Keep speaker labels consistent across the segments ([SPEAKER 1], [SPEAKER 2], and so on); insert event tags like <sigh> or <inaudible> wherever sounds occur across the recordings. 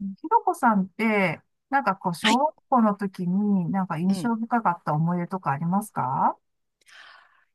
[SPEAKER 1] ひろこさんって、なんかこう、
[SPEAKER 2] は
[SPEAKER 1] 小
[SPEAKER 2] い、
[SPEAKER 1] 学校の時になんか
[SPEAKER 2] う
[SPEAKER 1] 印
[SPEAKER 2] ん。
[SPEAKER 1] 象深かった思い出とかありますか？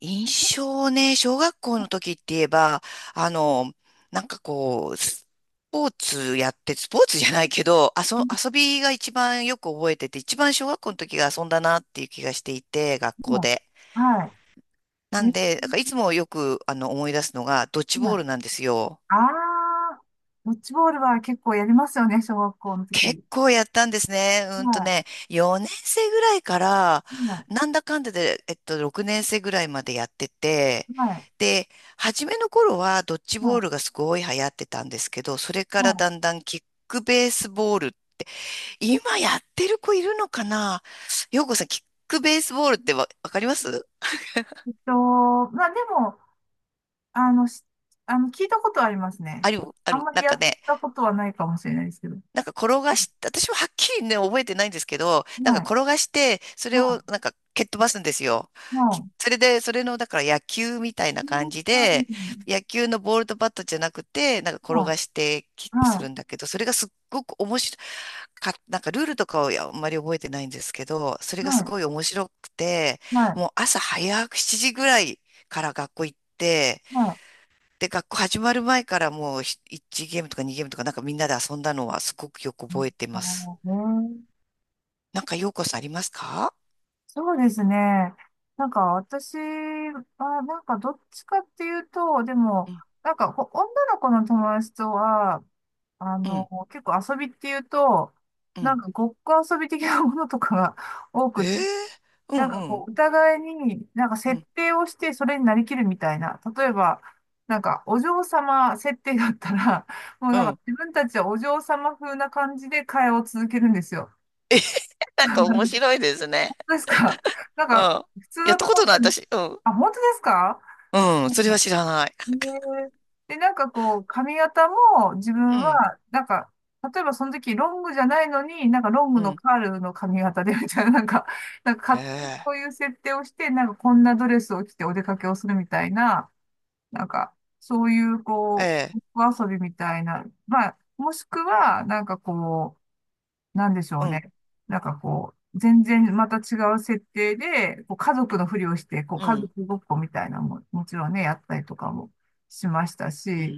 [SPEAKER 2] 印象ね、小学校の時って言えば、あの、なんかこう、スポーツやって、スポーツじゃないけど、遊びが一番よく覚えてて、一番小学校の時が遊んだなっていう気がしていて、学校
[SPEAKER 1] も
[SPEAKER 2] で。
[SPEAKER 1] う、は
[SPEAKER 2] な
[SPEAKER 1] い。
[SPEAKER 2] ん
[SPEAKER 1] え、
[SPEAKER 2] で、だからいつもよく思い出すのが、ドッジボ
[SPEAKER 1] はい。
[SPEAKER 2] ールなんですよ。
[SPEAKER 1] ああ、ドッジボールは結構やりますよね、小学校の
[SPEAKER 2] 結
[SPEAKER 1] 時。
[SPEAKER 2] 構やったんですね。
[SPEAKER 1] は
[SPEAKER 2] 4年生ぐらいから、
[SPEAKER 1] い。はい。
[SPEAKER 2] なんだかんだで、6年生ぐらいまでやってて、
[SPEAKER 1] はい。
[SPEAKER 2] で、初めの頃はドッジボー
[SPEAKER 1] は
[SPEAKER 2] ルがすごい流行ってたんですけど、それ
[SPEAKER 1] い。
[SPEAKER 2] から
[SPEAKER 1] は
[SPEAKER 2] だんだんキックベースボール、今やってる子いるのかな。ようこさん、キックベースボールってわかります
[SPEAKER 1] い。まあでも、あの、あの、聞いたことはあります
[SPEAKER 2] あ
[SPEAKER 1] ね。
[SPEAKER 2] る、あ
[SPEAKER 1] あん
[SPEAKER 2] る、
[SPEAKER 1] ま
[SPEAKER 2] な
[SPEAKER 1] り
[SPEAKER 2] ん
[SPEAKER 1] や
[SPEAKER 2] か
[SPEAKER 1] っ
[SPEAKER 2] ね、
[SPEAKER 1] たことはないかもしれないですけど。
[SPEAKER 2] なんか転がし、私ははっきりね、覚えてないんですけど、なんか
[SPEAKER 1] はい。
[SPEAKER 2] 転がして、それを
[SPEAKER 1] は
[SPEAKER 2] なんか蹴っ飛ばすんですよ。
[SPEAKER 1] い。はい。
[SPEAKER 2] それで、それの、だから野球みたいな感じで、野球のボールとバットじゃなくて、なんか転
[SPEAKER 1] は
[SPEAKER 2] がしてキッ
[SPEAKER 1] い。
[SPEAKER 2] クす
[SPEAKER 1] はい。
[SPEAKER 2] る
[SPEAKER 1] は
[SPEAKER 2] んだけど、それがすっごく面白か、なんかルールとかをあんまり覚えてないんですけど、それ
[SPEAKER 1] い。
[SPEAKER 2] が
[SPEAKER 1] は
[SPEAKER 2] す
[SPEAKER 1] い。は
[SPEAKER 2] ごい
[SPEAKER 1] い。
[SPEAKER 2] 面白くて、
[SPEAKER 1] はい。
[SPEAKER 2] もう朝早く7時ぐらいから学校行って、
[SPEAKER 1] はい。
[SPEAKER 2] で、学校始まる前からもう1ゲームとか2ゲームとかなんかみんなで遊んだのはすごくよく覚えてま
[SPEAKER 1] あ
[SPEAKER 2] す。
[SPEAKER 1] のね、
[SPEAKER 2] なんかようこさんありますか？
[SPEAKER 1] そうですね。なんか私は、なんかどっちかっていうと、で
[SPEAKER 2] う
[SPEAKER 1] も、
[SPEAKER 2] ん、
[SPEAKER 1] なんかこう女の子の友達とは、あ
[SPEAKER 2] う
[SPEAKER 1] の、
[SPEAKER 2] ん、
[SPEAKER 1] 結構遊びっていうと、
[SPEAKER 2] う
[SPEAKER 1] なん
[SPEAKER 2] ん。
[SPEAKER 1] かごっこ遊び的なものとかが <laughs> 多
[SPEAKER 2] え
[SPEAKER 1] く
[SPEAKER 2] え、
[SPEAKER 1] て、
[SPEAKER 2] う
[SPEAKER 1] なん
[SPEAKER 2] ん
[SPEAKER 1] か
[SPEAKER 2] う
[SPEAKER 1] こ
[SPEAKER 2] ん、
[SPEAKER 1] う、お互いになんか
[SPEAKER 2] う
[SPEAKER 1] 設
[SPEAKER 2] ん、
[SPEAKER 1] 定をしてそれになりきるみたいな。例えば、なんかお嬢様設定だったら、もう
[SPEAKER 2] う
[SPEAKER 1] なんか
[SPEAKER 2] ん。
[SPEAKER 1] 自分たちはお嬢様風な感じで会話を続けるんですよ。
[SPEAKER 2] えへへ。 <laughs> なんか面
[SPEAKER 1] <laughs>
[SPEAKER 2] 白いですね。
[SPEAKER 1] ですか？ <laughs> なん
[SPEAKER 2] うん。
[SPEAKER 1] か、普通
[SPEAKER 2] やっ
[SPEAKER 1] だ
[SPEAKER 2] た
[SPEAKER 1] と
[SPEAKER 2] こ
[SPEAKER 1] 思
[SPEAKER 2] と
[SPEAKER 1] っ
[SPEAKER 2] ない
[SPEAKER 1] たんで。
[SPEAKER 2] 私。うん。
[SPEAKER 1] あ、本当ですか？
[SPEAKER 2] うん、
[SPEAKER 1] う
[SPEAKER 2] そ
[SPEAKER 1] ん。
[SPEAKER 2] れは知らない。
[SPEAKER 1] えーで、なんかこう、髪型も自分
[SPEAKER 2] うん、
[SPEAKER 1] は、なんか、例えばその時ロングじゃないのに、なんかロン
[SPEAKER 2] う
[SPEAKER 1] グの
[SPEAKER 2] ん。
[SPEAKER 1] カールの髪型で <laughs> みたいな、なんか、なんか勝手に
[SPEAKER 2] ええ
[SPEAKER 1] そういう設定をして、なんかこんなドレスを着てお出かけをするみたいな、なんか、そういうこ
[SPEAKER 2] ええ、
[SPEAKER 1] う、お遊びみたいな、まあ、もしくは、なんかこう、なんでしょ
[SPEAKER 2] う
[SPEAKER 1] う
[SPEAKER 2] ん、
[SPEAKER 1] ね。なんかこう、全然また違う設定で、こう家族のふりをして、こう
[SPEAKER 2] う
[SPEAKER 1] 家
[SPEAKER 2] ん。
[SPEAKER 1] 族ごっこみたいなのも、もちろんね、やったりとかもしました
[SPEAKER 2] うー
[SPEAKER 1] し、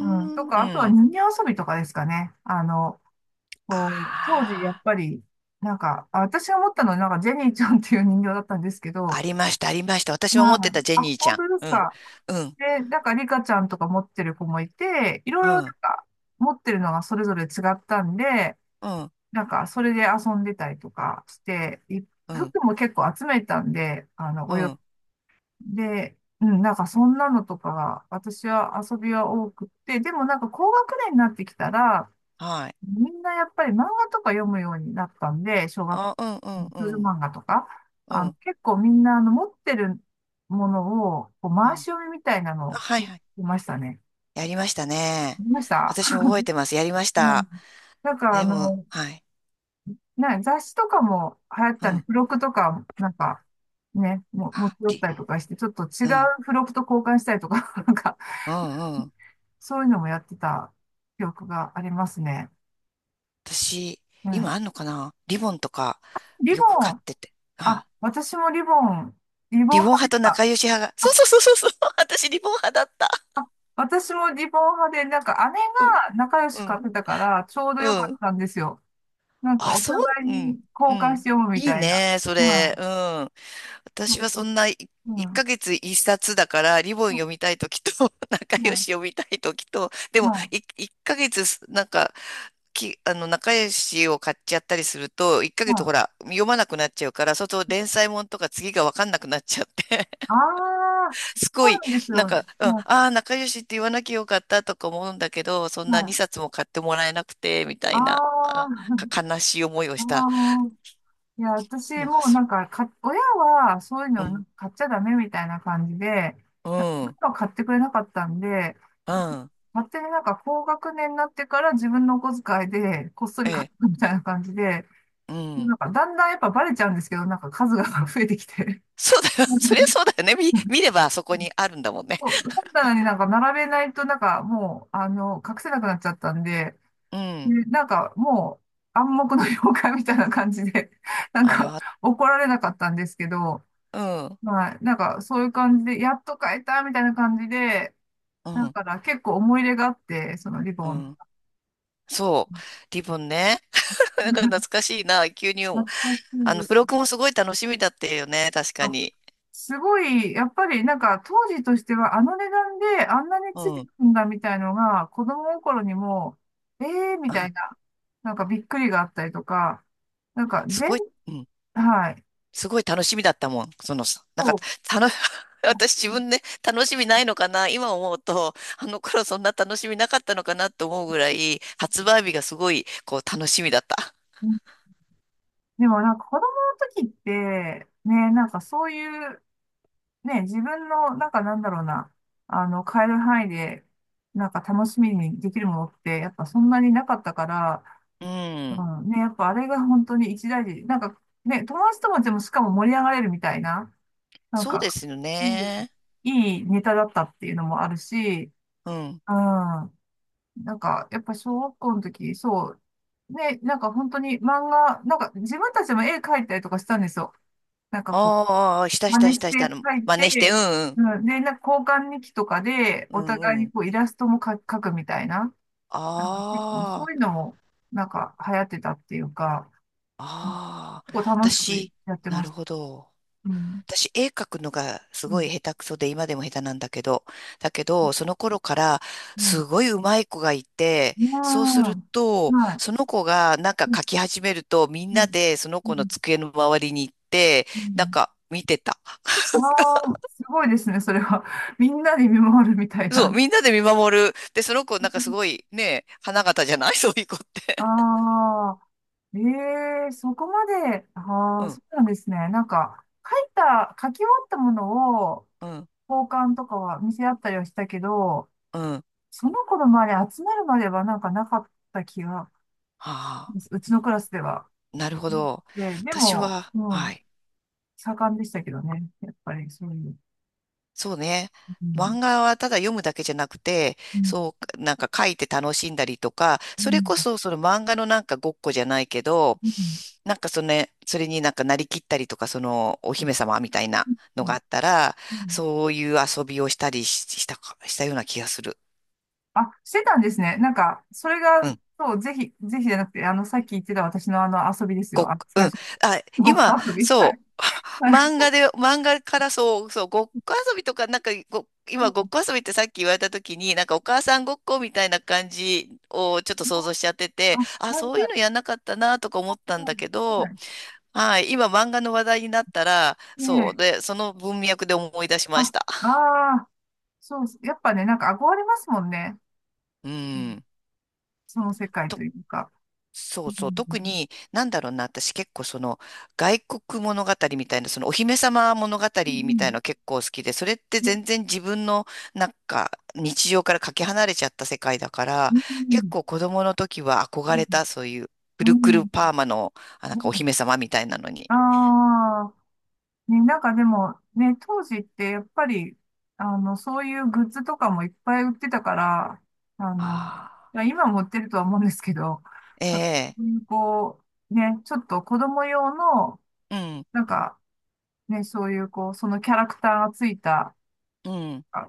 [SPEAKER 1] うん、とか、あとは
[SPEAKER 2] うん。
[SPEAKER 1] 人形遊びとかですかね。あの、こう、当時やっ
[SPEAKER 2] あ
[SPEAKER 1] ぱり、なんか、私が思ったのは、なんかジェニーちゃんっていう人形だったんですけど、
[SPEAKER 2] あ、あ
[SPEAKER 1] は
[SPEAKER 2] りました、ありました。
[SPEAKER 1] い。
[SPEAKER 2] 私も持ってたジェ
[SPEAKER 1] あ、
[SPEAKER 2] ニーちゃ
[SPEAKER 1] 本
[SPEAKER 2] ん。
[SPEAKER 1] 当です
[SPEAKER 2] うん、
[SPEAKER 1] か。
[SPEAKER 2] うん、
[SPEAKER 1] で、なんかリカちゃんとか持ってる子もいて、いろ
[SPEAKER 2] う
[SPEAKER 1] いろなん
[SPEAKER 2] ん、
[SPEAKER 1] か持ってるのがそれぞれ違ったんで、
[SPEAKER 2] うん、
[SPEAKER 1] なんか、それで遊んでたりとかして、
[SPEAKER 2] うん。
[SPEAKER 1] 服も結構集めたんで、あの、
[SPEAKER 2] うん。
[SPEAKER 1] で、うん、なんかそんなのとかが、私は遊びは多くって、でもなんか高学年になってきたら、
[SPEAKER 2] はい。
[SPEAKER 1] みんなやっぱり漫画とか読むようになったんで、
[SPEAKER 2] あ、うんう
[SPEAKER 1] あ
[SPEAKER 2] ん
[SPEAKER 1] の少女
[SPEAKER 2] うん。
[SPEAKER 1] 漫画とか、
[SPEAKER 2] う
[SPEAKER 1] あの、
[SPEAKER 2] ん。
[SPEAKER 1] 結構みんなあの持ってるものを、こう
[SPEAKER 2] う
[SPEAKER 1] 回し
[SPEAKER 2] ん。
[SPEAKER 1] 読みみたいなの
[SPEAKER 2] あ、
[SPEAKER 1] を、
[SPEAKER 2] はいはい。
[SPEAKER 1] いましたね。
[SPEAKER 2] やりましたね。
[SPEAKER 1] いました。
[SPEAKER 2] 私も覚えてます。やりまし
[SPEAKER 1] うん。
[SPEAKER 2] た。
[SPEAKER 1] なんか
[SPEAKER 2] でも、はい。
[SPEAKER 1] 雑誌とかも流行って
[SPEAKER 2] う
[SPEAKER 1] たんで、
[SPEAKER 2] ん。
[SPEAKER 1] 付録とか、なんか、ね、持ち
[SPEAKER 2] あ、
[SPEAKER 1] 寄っ
[SPEAKER 2] り、
[SPEAKER 1] たりとかして、ちょっと違う
[SPEAKER 2] うん。
[SPEAKER 1] 付録と交換したりとか、<laughs> なんか、
[SPEAKER 2] うんうん。
[SPEAKER 1] そういうのもやってた記憶がありますね。
[SPEAKER 2] 私、
[SPEAKER 1] う
[SPEAKER 2] 今
[SPEAKER 1] ん。
[SPEAKER 2] あんのかなリボンとか、
[SPEAKER 1] リ
[SPEAKER 2] よ
[SPEAKER 1] ボ
[SPEAKER 2] く買っ
[SPEAKER 1] ン、
[SPEAKER 2] てて。
[SPEAKER 1] あ、
[SPEAKER 2] あ、
[SPEAKER 1] 私もリボン、リ
[SPEAKER 2] リ
[SPEAKER 1] ボン
[SPEAKER 2] ボン
[SPEAKER 1] 派で
[SPEAKER 2] 派
[SPEAKER 1] し
[SPEAKER 2] と
[SPEAKER 1] た。
[SPEAKER 2] 仲良し派が。そう
[SPEAKER 1] あ、
[SPEAKER 2] そうそうそうそう。<laughs> 私、リボン派だった。
[SPEAKER 1] あ私もリボン派で、なんか姉
[SPEAKER 2] うん。
[SPEAKER 1] が仲良し
[SPEAKER 2] う
[SPEAKER 1] 買っ
[SPEAKER 2] ん。
[SPEAKER 1] てたから、ちょうど良
[SPEAKER 2] う
[SPEAKER 1] かっ
[SPEAKER 2] ん。
[SPEAKER 1] たんですよ。なんか
[SPEAKER 2] あ、
[SPEAKER 1] お
[SPEAKER 2] そ
[SPEAKER 1] 互
[SPEAKER 2] う、
[SPEAKER 1] い
[SPEAKER 2] う
[SPEAKER 1] に
[SPEAKER 2] ん。う
[SPEAKER 1] 交換し
[SPEAKER 2] ん。
[SPEAKER 1] て読むみ
[SPEAKER 2] いい
[SPEAKER 1] たいな。
[SPEAKER 2] ね、そ
[SPEAKER 1] ま
[SPEAKER 2] れ。
[SPEAKER 1] あ、
[SPEAKER 2] うん。
[SPEAKER 1] そ
[SPEAKER 2] 私
[SPEAKER 1] う、
[SPEAKER 2] はそんな
[SPEAKER 1] う
[SPEAKER 2] 1
[SPEAKER 1] ん、
[SPEAKER 2] ヶ月1冊だからリボン
[SPEAKER 1] まあ、
[SPEAKER 2] 読みたい時と <laughs> 仲
[SPEAKER 1] ま
[SPEAKER 2] 良
[SPEAKER 1] あ、
[SPEAKER 2] し読みたい時と、で
[SPEAKER 1] ま
[SPEAKER 2] も
[SPEAKER 1] あ、
[SPEAKER 2] 1ヶ月なんかきあの仲良しを買っちゃったりすると1
[SPEAKER 1] ま
[SPEAKER 2] ヶ月ほ
[SPEAKER 1] あ、
[SPEAKER 2] ら読まなくなっちゃうから、そうすると連載もんとか次が分かんなくなっちゃって
[SPEAKER 1] ああ、
[SPEAKER 2] <laughs> す
[SPEAKER 1] そ
[SPEAKER 2] ご
[SPEAKER 1] う
[SPEAKER 2] い
[SPEAKER 1] なんですよ。
[SPEAKER 2] なんか、うん、あ
[SPEAKER 1] は
[SPEAKER 2] あー、仲良しって言わなきゃよかったとか思うんだけど、そ
[SPEAKER 1] い、
[SPEAKER 2] んな
[SPEAKER 1] は
[SPEAKER 2] 2
[SPEAKER 1] い。
[SPEAKER 2] 冊も買ってもらえなくてみた
[SPEAKER 1] あ
[SPEAKER 2] いな、
[SPEAKER 1] あ。
[SPEAKER 2] 悲しい思い
[SPEAKER 1] <laughs>
[SPEAKER 2] を
[SPEAKER 1] あ
[SPEAKER 2] した
[SPEAKER 1] あ。いや、私
[SPEAKER 2] のが
[SPEAKER 1] もう
[SPEAKER 2] す
[SPEAKER 1] な
[SPEAKER 2] る。
[SPEAKER 1] んか、親はそういう
[SPEAKER 2] うん、
[SPEAKER 1] の買っちゃダメみたいな感じで、
[SPEAKER 2] う
[SPEAKER 1] なんかそうい
[SPEAKER 2] ん、
[SPEAKER 1] うのを買ってくれなかったんで、
[SPEAKER 2] うん、
[SPEAKER 1] 勝手になんか高学年になってから自分のお小遣いでこっそり
[SPEAKER 2] え
[SPEAKER 1] 買っ
[SPEAKER 2] え、
[SPEAKER 1] たみたいな感じで、
[SPEAKER 2] うん。
[SPEAKER 1] なんかだんだんやっぱバレちゃうんですけど、なんか数が <laughs> 増えてきて。
[SPEAKER 2] そうだよ。<laughs> そりゃそうだよね。見
[SPEAKER 1] <laughs>
[SPEAKER 2] ればそこにあるんだもんね。
[SPEAKER 1] 本
[SPEAKER 2] <laughs>
[SPEAKER 1] 棚になんか並べないとなんかもう、あの、隠せなくなっちゃったんで、
[SPEAKER 2] うん。
[SPEAKER 1] ね、なんかもう暗黙の了解みたいな感じで、<laughs> なんか
[SPEAKER 2] あ
[SPEAKER 1] 怒られなかったんですけど、
[SPEAKER 2] あ、うん、
[SPEAKER 1] まあなんかそういう感じで、やっと変えたみたいな感じで、
[SPEAKER 2] う
[SPEAKER 1] だ
[SPEAKER 2] ん、
[SPEAKER 1] から結構思い入れがあって、そのリ
[SPEAKER 2] う
[SPEAKER 1] ボン。
[SPEAKER 2] ん。そう。リボンね。<laughs> なんか懐
[SPEAKER 1] <laughs>
[SPEAKER 2] かしいな。急に思う。
[SPEAKER 1] 懐かし
[SPEAKER 2] 付
[SPEAKER 1] い。
[SPEAKER 2] 録もすごい楽しみだったよね。確か
[SPEAKER 1] あ、
[SPEAKER 2] に。
[SPEAKER 1] すごい、やっぱりなんか当時としてはあの値段であんなに
[SPEAKER 2] う
[SPEAKER 1] ついてく
[SPEAKER 2] ん。
[SPEAKER 1] るんだみたいのが子供心にも、ええー、み
[SPEAKER 2] う
[SPEAKER 1] た
[SPEAKER 2] ん。
[SPEAKER 1] いな、なんかびっくりがあったりとか、なんか
[SPEAKER 2] す
[SPEAKER 1] 全、
[SPEAKER 2] ごい、うん。
[SPEAKER 1] はい。
[SPEAKER 2] すごい楽しみだったもん。その、なんか、
[SPEAKER 1] そ
[SPEAKER 2] たの、<laughs> 私自分で楽しみないのかな。今思うと、あの頃そんな楽しみなかったのかなって思うぐらい、発売日がすごい、こう、楽しみだった。
[SPEAKER 1] う。でもなんか子供の時って、ね、なんかそういう、ね、自分の、なんかなんだろうな、あの、変える範囲で、なんか楽しみにできるものって、やっぱそんなになかったから、
[SPEAKER 2] うん。
[SPEAKER 1] うん、ね、やっぱあれが本当に一大事。なんか、ね、友達ともでもしかも盛り上がれるみたいな、なん
[SPEAKER 2] そうで
[SPEAKER 1] か、
[SPEAKER 2] すよ
[SPEAKER 1] そう、
[SPEAKER 2] ね。
[SPEAKER 1] いいネタだったっていうのもあるし、
[SPEAKER 2] うん。
[SPEAKER 1] うん、なんか、やっぱ小学校の時、そう、ね、なんか本当に漫画、なんか自分たちも絵描いたりとかしたんですよ。なんかこ
[SPEAKER 2] ああ、し
[SPEAKER 1] う、
[SPEAKER 2] たし
[SPEAKER 1] 真
[SPEAKER 2] たし
[SPEAKER 1] 似し
[SPEAKER 2] たした。あ
[SPEAKER 1] て
[SPEAKER 2] の
[SPEAKER 1] 書い
[SPEAKER 2] 真似して、う
[SPEAKER 1] て、
[SPEAKER 2] んうん。
[SPEAKER 1] うん、で、なんか交換日記とかで、
[SPEAKER 2] う
[SPEAKER 1] お互い
[SPEAKER 2] んう
[SPEAKER 1] に
[SPEAKER 2] ん。
[SPEAKER 1] こうイラストも描くみたいな、なんか結構そ
[SPEAKER 2] あ
[SPEAKER 1] ういうのも、なんか流行ってたっていうか、
[SPEAKER 2] あ、あ
[SPEAKER 1] 結
[SPEAKER 2] あ。
[SPEAKER 1] 構楽しく
[SPEAKER 2] 私、
[SPEAKER 1] やって
[SPEAKER 2] な
[SPEAKER 1] ま
[SPEAKER 2] る
[SPEAKER 1] した。
[SPEAKER 2] ほど。
[SPEAKER 1] うん。
[SPEAKER 2] 私、絵描くのがす
[SPEAKER 1] う
[SPEAKER 2] ごい
[SPEAKER 1] ん。
[SPEAKER 2] 下手くそで、今でも下手なんだけど、だけ
[SPEAKER 1] うん。
[SPEAKER 2] ど、その頃から、
[SPEAKER 1] う
[SPEAKER 2] すごい上手い子がいて、
[SPEAKER 1] ん、う
[SPEAKER 2] そうする
[SPEAKER 1] ん、
[SPEAKER 2] と、
[SPEAKER 1] はい。
[SPEAKER 2] その子がなんか
[SPEAKER 1] うん。
[SPEAKER 2] 描き始めると、みん
[SPEAKER 1] うん。
[SPEAKER 2] なでその
[SPEAKER 1] う
[SPEAKER 2] 子の
[SPEAKER 1] ん。
[SPEAKER 2] 机の周りに行って、
[SPEAKER 1] う
[SPEAKER 2] なん
[SPEAKER 1] ん。
[SPEAKER 2] か見てた。
[SPEAKER 1] わ
[SPEAKER 2] <laughs>
[SPEAKER 1] あ、すごいですね、それは。<laughs> みんなで見守るみたい
[SPEAKER 2] そう、
[SPEAKER 1] な。
[SPEAKER 2] みんなで見守る。で、その子なんかすごいね、花形じゃない。 <laughs> そういう子って。
[SPEAKER 1] ああ、ええ、そこまで、あ
[SPEAKER 2] う
[SPEAKER 1] あ、
[SPEAKER 2] ん、
[SPEAKER 1] そうなんですね。なんか、書いた、書き終わったものを
[SPEAKER 2] うん、
[SPEAKER 1] 交換とかは見せ合ったりはしたけど、
[SPEAKER 2] うん。
[SPEAKER 1] その子の周り集まるまではなんかなかった気が、
[SPEAKER 2] あ
[SPEAKER 1] うちのクラスでは。
[SPEAKER 2] あ、なるほど。
[SPEAKER 1] で
[SPEAKER 2] 私
[SPEAKER 1] も、
[SPEAKER 2] は、
[SPEAKER 1] う
[SPEAKER 2] は
[SPEAKER 1] ん、
[SPEAKER 2] い。
[SPEAKER 1] 盛んでしたけどね。やっぱりそういう。
[SPEAKER 2] そうね。
[SPEAKER 1] う
[SPEAKER 2] 漫
[SPEAKER 1] ん、
[SPEAKER 2] 画はただ読むだけじゃなくて、
[SPEAKER 1] うん、
[SPEAKER 2] そう、なんか書いて楽しんだりとか、
[SPEAKER 1] う
[SPEAKER 2] それ
[SPEAKER 1] ん、
[SPEAKER 2] こそその漫画のなんかごっこじゃないけど、
[SPEAKER 1] うん、うん、
[SPEAKER 2] なんかそのね、それになんかなりきったりとか、そのお姫様みたいなの
[SPEAKER 1] う
[SPEAKER 2] が
[SPEAKER 1] ん。
[SPEAKER 2] あったら、
[SPEAKER 1] うん。
[SPEAKER 2] そういう遊びをしたりし、したか、したような気がする。
[SPEAKER 1] あ、してたんですね。なんか、それが、
[SPEAKER 2] うん
[SPEAKER 1] そう、ぜひ、ぜひじゃなくて、あの、さっき言ってた私のあの遊びです
[SPEAKER 2] ご
[SPEAKER 1] よ。
[SPEAKER 2] っ、
[SPEAKER 1] あ、
[SPEAKER 2] う
[SPEAKER 1] 最
[SPEAKER 2] ん。
[SPEAKER 1] 初、
[SPEAKER 2] あ、
[SPEAKER 1] ごっこ
[SPEAKER 2] 今、
[SPEAKER 1] 遊び。は
[SPEAKER 2] そ
[SPEAKER 1] い。
[SPEAKER 2] う、<laughs>
[SPEAKER 1] はい。
[SPEAKER 2] 漫画からそう、そう、ごっこ遊びとか、なんか今、ごっこ遊びってさっき言われた時に、なんかお母さんごっこみたいな感じをちょっと想像しちゃって
[SPEAKER 1] あ、
[SPEAKER 2] て、
[SPEAKER 1] は
[SPEAKER 2] あ、
[SPEAKER 1] い、
[SPEAKER 2] そうい
[SPEAKER 1] は
[SPEAKER 2] う
[SPEAKER 1] い。
[SPEAKER 2] のやんなかったなとか思
[SPEAKER 1] は
[SPEAKER 2] ったんだ
[SPEAKER 1] い。
[SPEAKER 2] けど、
[SPEAKER 1] は
[SPEAKER 2] はい、今、漫画の話題になったら、
[SPEAKER 1] い。え
[SPEAKER 2] そう、
[SPEAKER 1] え。
[SPEAKER 2] で、その文脈で思い出し
[SPEAKER 1] あ、
[SPEAKER 2] ました。
[SPEAKER 1] ああ、そう、やっぱね、なんか憧れますもんね。
[SPEAKER 2] う
[SPEAKER 1] うん、
[SPEAKER 2] ん。
[SPEAKER 1] その世界というか。
[SPEAKER 2] そ
[SPEAKER 1] う
[SPEAKER 2] う
[SPEAKER 1] ん。
[SPEAKER 2] そう。特に、なんだろうな、私結構その、外国物語みたいな、そのお姫様物語
[SPEAKER 1] う
[SPEAKER 2] みたい
[SPEAKER 1] ん。
[SPEAKER 2] の結構好きで、それって
[SPEAKER 1] うん。
[SPEAKER 2] 全然自分の、なんか、日常からかけ離れちゃった世界だか
[SPEAKER 1] う
[SPEAKER 2] ら、結
[SPEAKER 1] ん。
[SPEAKER 2] 構子供の時は憧れた、そういう、く
[SPEAKER 1] う
[SPEAKER 2] るく
[SPEAKER 1] ん。う
[SPEAKER 2] る
[SPEAKER 1] ん。
[SPEAKER 2] パーマの、あ、なん
[SPEAKER 1] う
[SPEAKER 2] かお
[SPEAKER 1] ん。
[SPEAKER 2] 姫様みたいなのに。
[SPEAKER 1] ああー。ね、なんかでも、ね、当時ってやっぱり、あの、そういうグッズとかもいっぱい売ってたから、あの、
[SPEAKER 2] ああ。
[SPEAKER 1] まあ今も売ってるとは思うんですけど、
[SPEAKER 2] え
[SPEAKER 1] なんか
[SPEAKER 2] え、
[SPEAKER 1] そういうこう、ね、ちょっと子供用の、
[SPEAKER 2] うん、
[SPEAKER 1] なんかね、そういうこう、そのキャラクターがついた、
[SPEAKER 2] うん、
[SPEAKER 1] あ、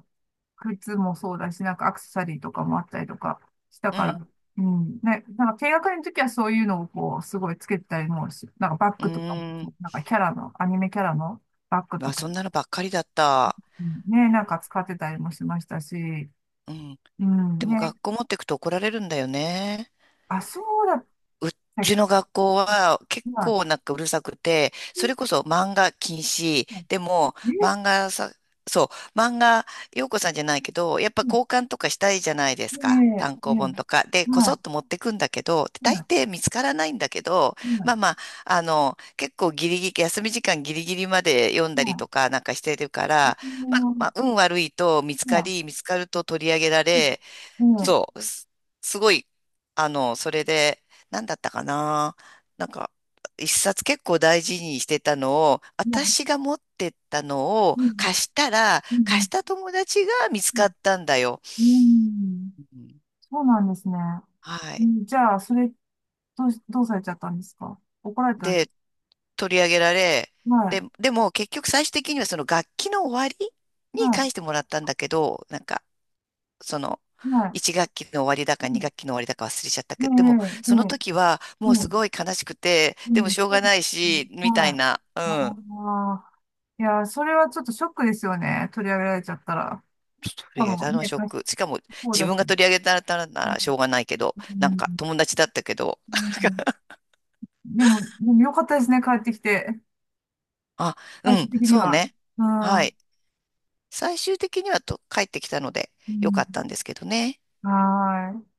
[SPEAKER 1] 靴もそうだし、なんかアクセサリーとかもあったりとかした
[SPEAKER 2] う
[SPEAKER 1] から、
[SPEAKER 2] ん、
[SPEAKER 1] うん、ね、なんか低学年の時はそういうのをこう、すごいつけてたりもし、なんかバッ
[SPEAKER 2] うー
[SPEAKER 1] グとかも、
[SPEAKER 2] ん。
[SPEAKER 1] なんかキャラの、アニメキャラの、バッグ
[SPEAKER 2] ま
[SPEAKER 1] と
[SPEAKER 2] あ、
[SPEAKER 1] か。
[SPEAKER 2] そんなのばっかりだった。
[SPEAKER 1] うん、ね、なんか使ってたりもしましたし、
[SPEAKER 2] うん。
[SPEAKER 1] う
[SPEAKER 2] で
[SPEAKER 1] ん、
[SPEAKER 2] も
[SPEAKER 1] ね、
[SPEAKER 2] 学校持ってくと怒られるんだよね。
[SPEAKER 1] あ、そうだっ
[SPEAKER 2] う
[SPEAKER 1] たっ
[SPEAKER 2] ちの学校は結
[SPEAKER 1] けな。
[SPEAKER 2] 構なんかうるさくて、それこそ漫画禁止。
[SPEAKER 1] え、
[SPEAKER 2] でも、
[SPEAKER 1] え、
[SPEAKER 2] 漫画さ、そう、漫画、陽子さんじゃないけど、やっぱ交換とかしたいじゃないですか。
[SPEAKER 1] ね
[SPEAKER 2] 単
[SPEAKER 1] え、
[SPEAKER 2] 行本
[SPEAKER 1] ね
[SPEAKER 2] とか。で、
[SPEAKER 1] え、
[SPEAKER 2] こそ
[SPEAKER 1] は
[SPEAKER 2] っ
[SPEAKER 1] い、
[SPEAKER 2] と持ってくんだけど、大
[SPEAKER 1] はい、
[SPEAKER 2] 抵見つからないんだけど、ま
[SPEAKER 1] は
[SPEAKER 2] あまあ、結構ギリギリ、休み時間ギリギリまで読ん
[SPEAKER 1] い、
[SPEAKER 2] だり
[SPEAKER 1] はい、
[SPEAKER 2] とかなんかしてるか
[SPEAKER 1] う
[SPEAKER 2] ら、まあ、ま
[SPEAKER 1] ん、
[SPEAKER 2] あ、運悪いと見つか
[SPEAKER 1] は
[SPEAKER 2] り、見つかると取り上げら
[SPEAKER 1] い、
[SPEAKER 2] れ、
[SPEAKER 1] うん、ね
[SPEAKER 2] そう、すごい、それで、なんだったかな。なんか、一冊結構大事にしてたのを、
[SPEAKER 1] え、まあ、
[SPEAKER 2] 私が持ってったのを
[SPEAKER 1] うん、
[SPEAKER 2] 貸したら、
[SPEAKER 1] う
[SPEAKER 2] 貸
[SPEAKER 1] ん、
[SPEAKER 2] した友達が見つ
[SPEAKER 1] う
[SPEAKER 2] かったんだよ。
[SPEAKER 1] ん、うん、
[SPEAKER 2] うん、
[SPEAKER 1] そうなんですね。
[SPEAKER 2] は
[SPEAKER 1] う
[SPEAKER 2] い。
[SPEAKER 1] ん、じゃあ、それ、どうされちゃったんですか？怒られただけ？
[SPEAKER 2] で、取り上げられ、
[SPEAKER 1] は
[SPEAKER 2] で、
[SPEAKER 1] い、
[SPEAKER 2] でも結局最終的にはその楽器の終わりに
[SPEAKER 1] は
[SPEAKER 2] 返してもらったんだけど、なんか、その、
[SPEAKER 1] い、はい、
[SPEAKER 2] 1学期の終わりだか
[SPEAKER 1] う
[SPEAKER 2] 2学期の終わりだか忘れちゃった
[SPEAKER 1] ん、
[SPEAKER 2] けど、でも、
[SPEAKER 1] ねえ、
[SPEAKER 2] その
[SPEAKER 1] ね
[SPEAKER 2] 時は
[SPEAKER 1] え、
[SPEAKER 2] もう
[SPEAKER 1] ね
[SPEAKER 2] す
[SPEAKER 1] え、
[SPEAKER 2] ごい悲しくて、
[SPEAKER 1] う
[SPEAKER 2] でも
[SPEAKER 1] ん、
[SPEAKER 2] しょう
[SPEAKER 1] そ
[SPEAKER 2] が
[SPEAKER 1] うで
[SPEAKER 2] ない
[SPEAKER 1] すね。
[SPEAKER 2] し、みた
[SPEAKER 1] は
[SPEAKER 2] いな、う
[SPEAKER 1] い。
[SPEAKER 2] ん。
[SPEAKER 1] ああ。いやー、それはちょっとショックですよね。取り上げられちゃったら。
[SPEAKER 2] 取
[SPEAKER 1] しか
[SPEAKER 2] り上げ
[SPEAKER 1] も
[SPEAKER 2] たのは
[SPEAKER 1] ね、
[SPEAKER 2] ショッ
[SPEAKER 1] 貸し
[SPEAKER 2] ク。しかも、
[SPEAKER 1] そう
[SPEAKER 2] 自
[SPEAKER 1] だし。
[SPEAKER 2] 分が取り上げたらな
[SPEAKER 1] う
[SPEAKER 2] らしょうが
[SPEAKER 1] ん。
[SPEAKER 2] ないけど、
[SPEAKER 1] う
[SPEAKER 2] なんか
[SPEAKER 1] ん。
[SPEAKER 2] 友達だったけど。
[SPEAKER 1] うん。
[SPEAKER 2] <laughs>
[SPEAKER 1] でもよかったですね。帰ってきて。
[SPEAKER 2] あ、う
[SPEAKER 1] 最終
[SPEAKER 2] ん、
[SPEAKER 1] 的に
[SPEAKER 2] そう
[SPEAKER 1] は。
[SPEAKER 2] ね。
[SPEAKER 1] う
[SPEAKER 2] は
[SPEAKER 1] ん。
[SPEAKER 2] い。最終的にはと帰ってきたので、
[SPEAKER 1] う
[SPEAKER 2] よか
[SPEAKER 1] ん。
[SPEAKER 2] ったんですけどね。
[SPEAKER 1] はーい。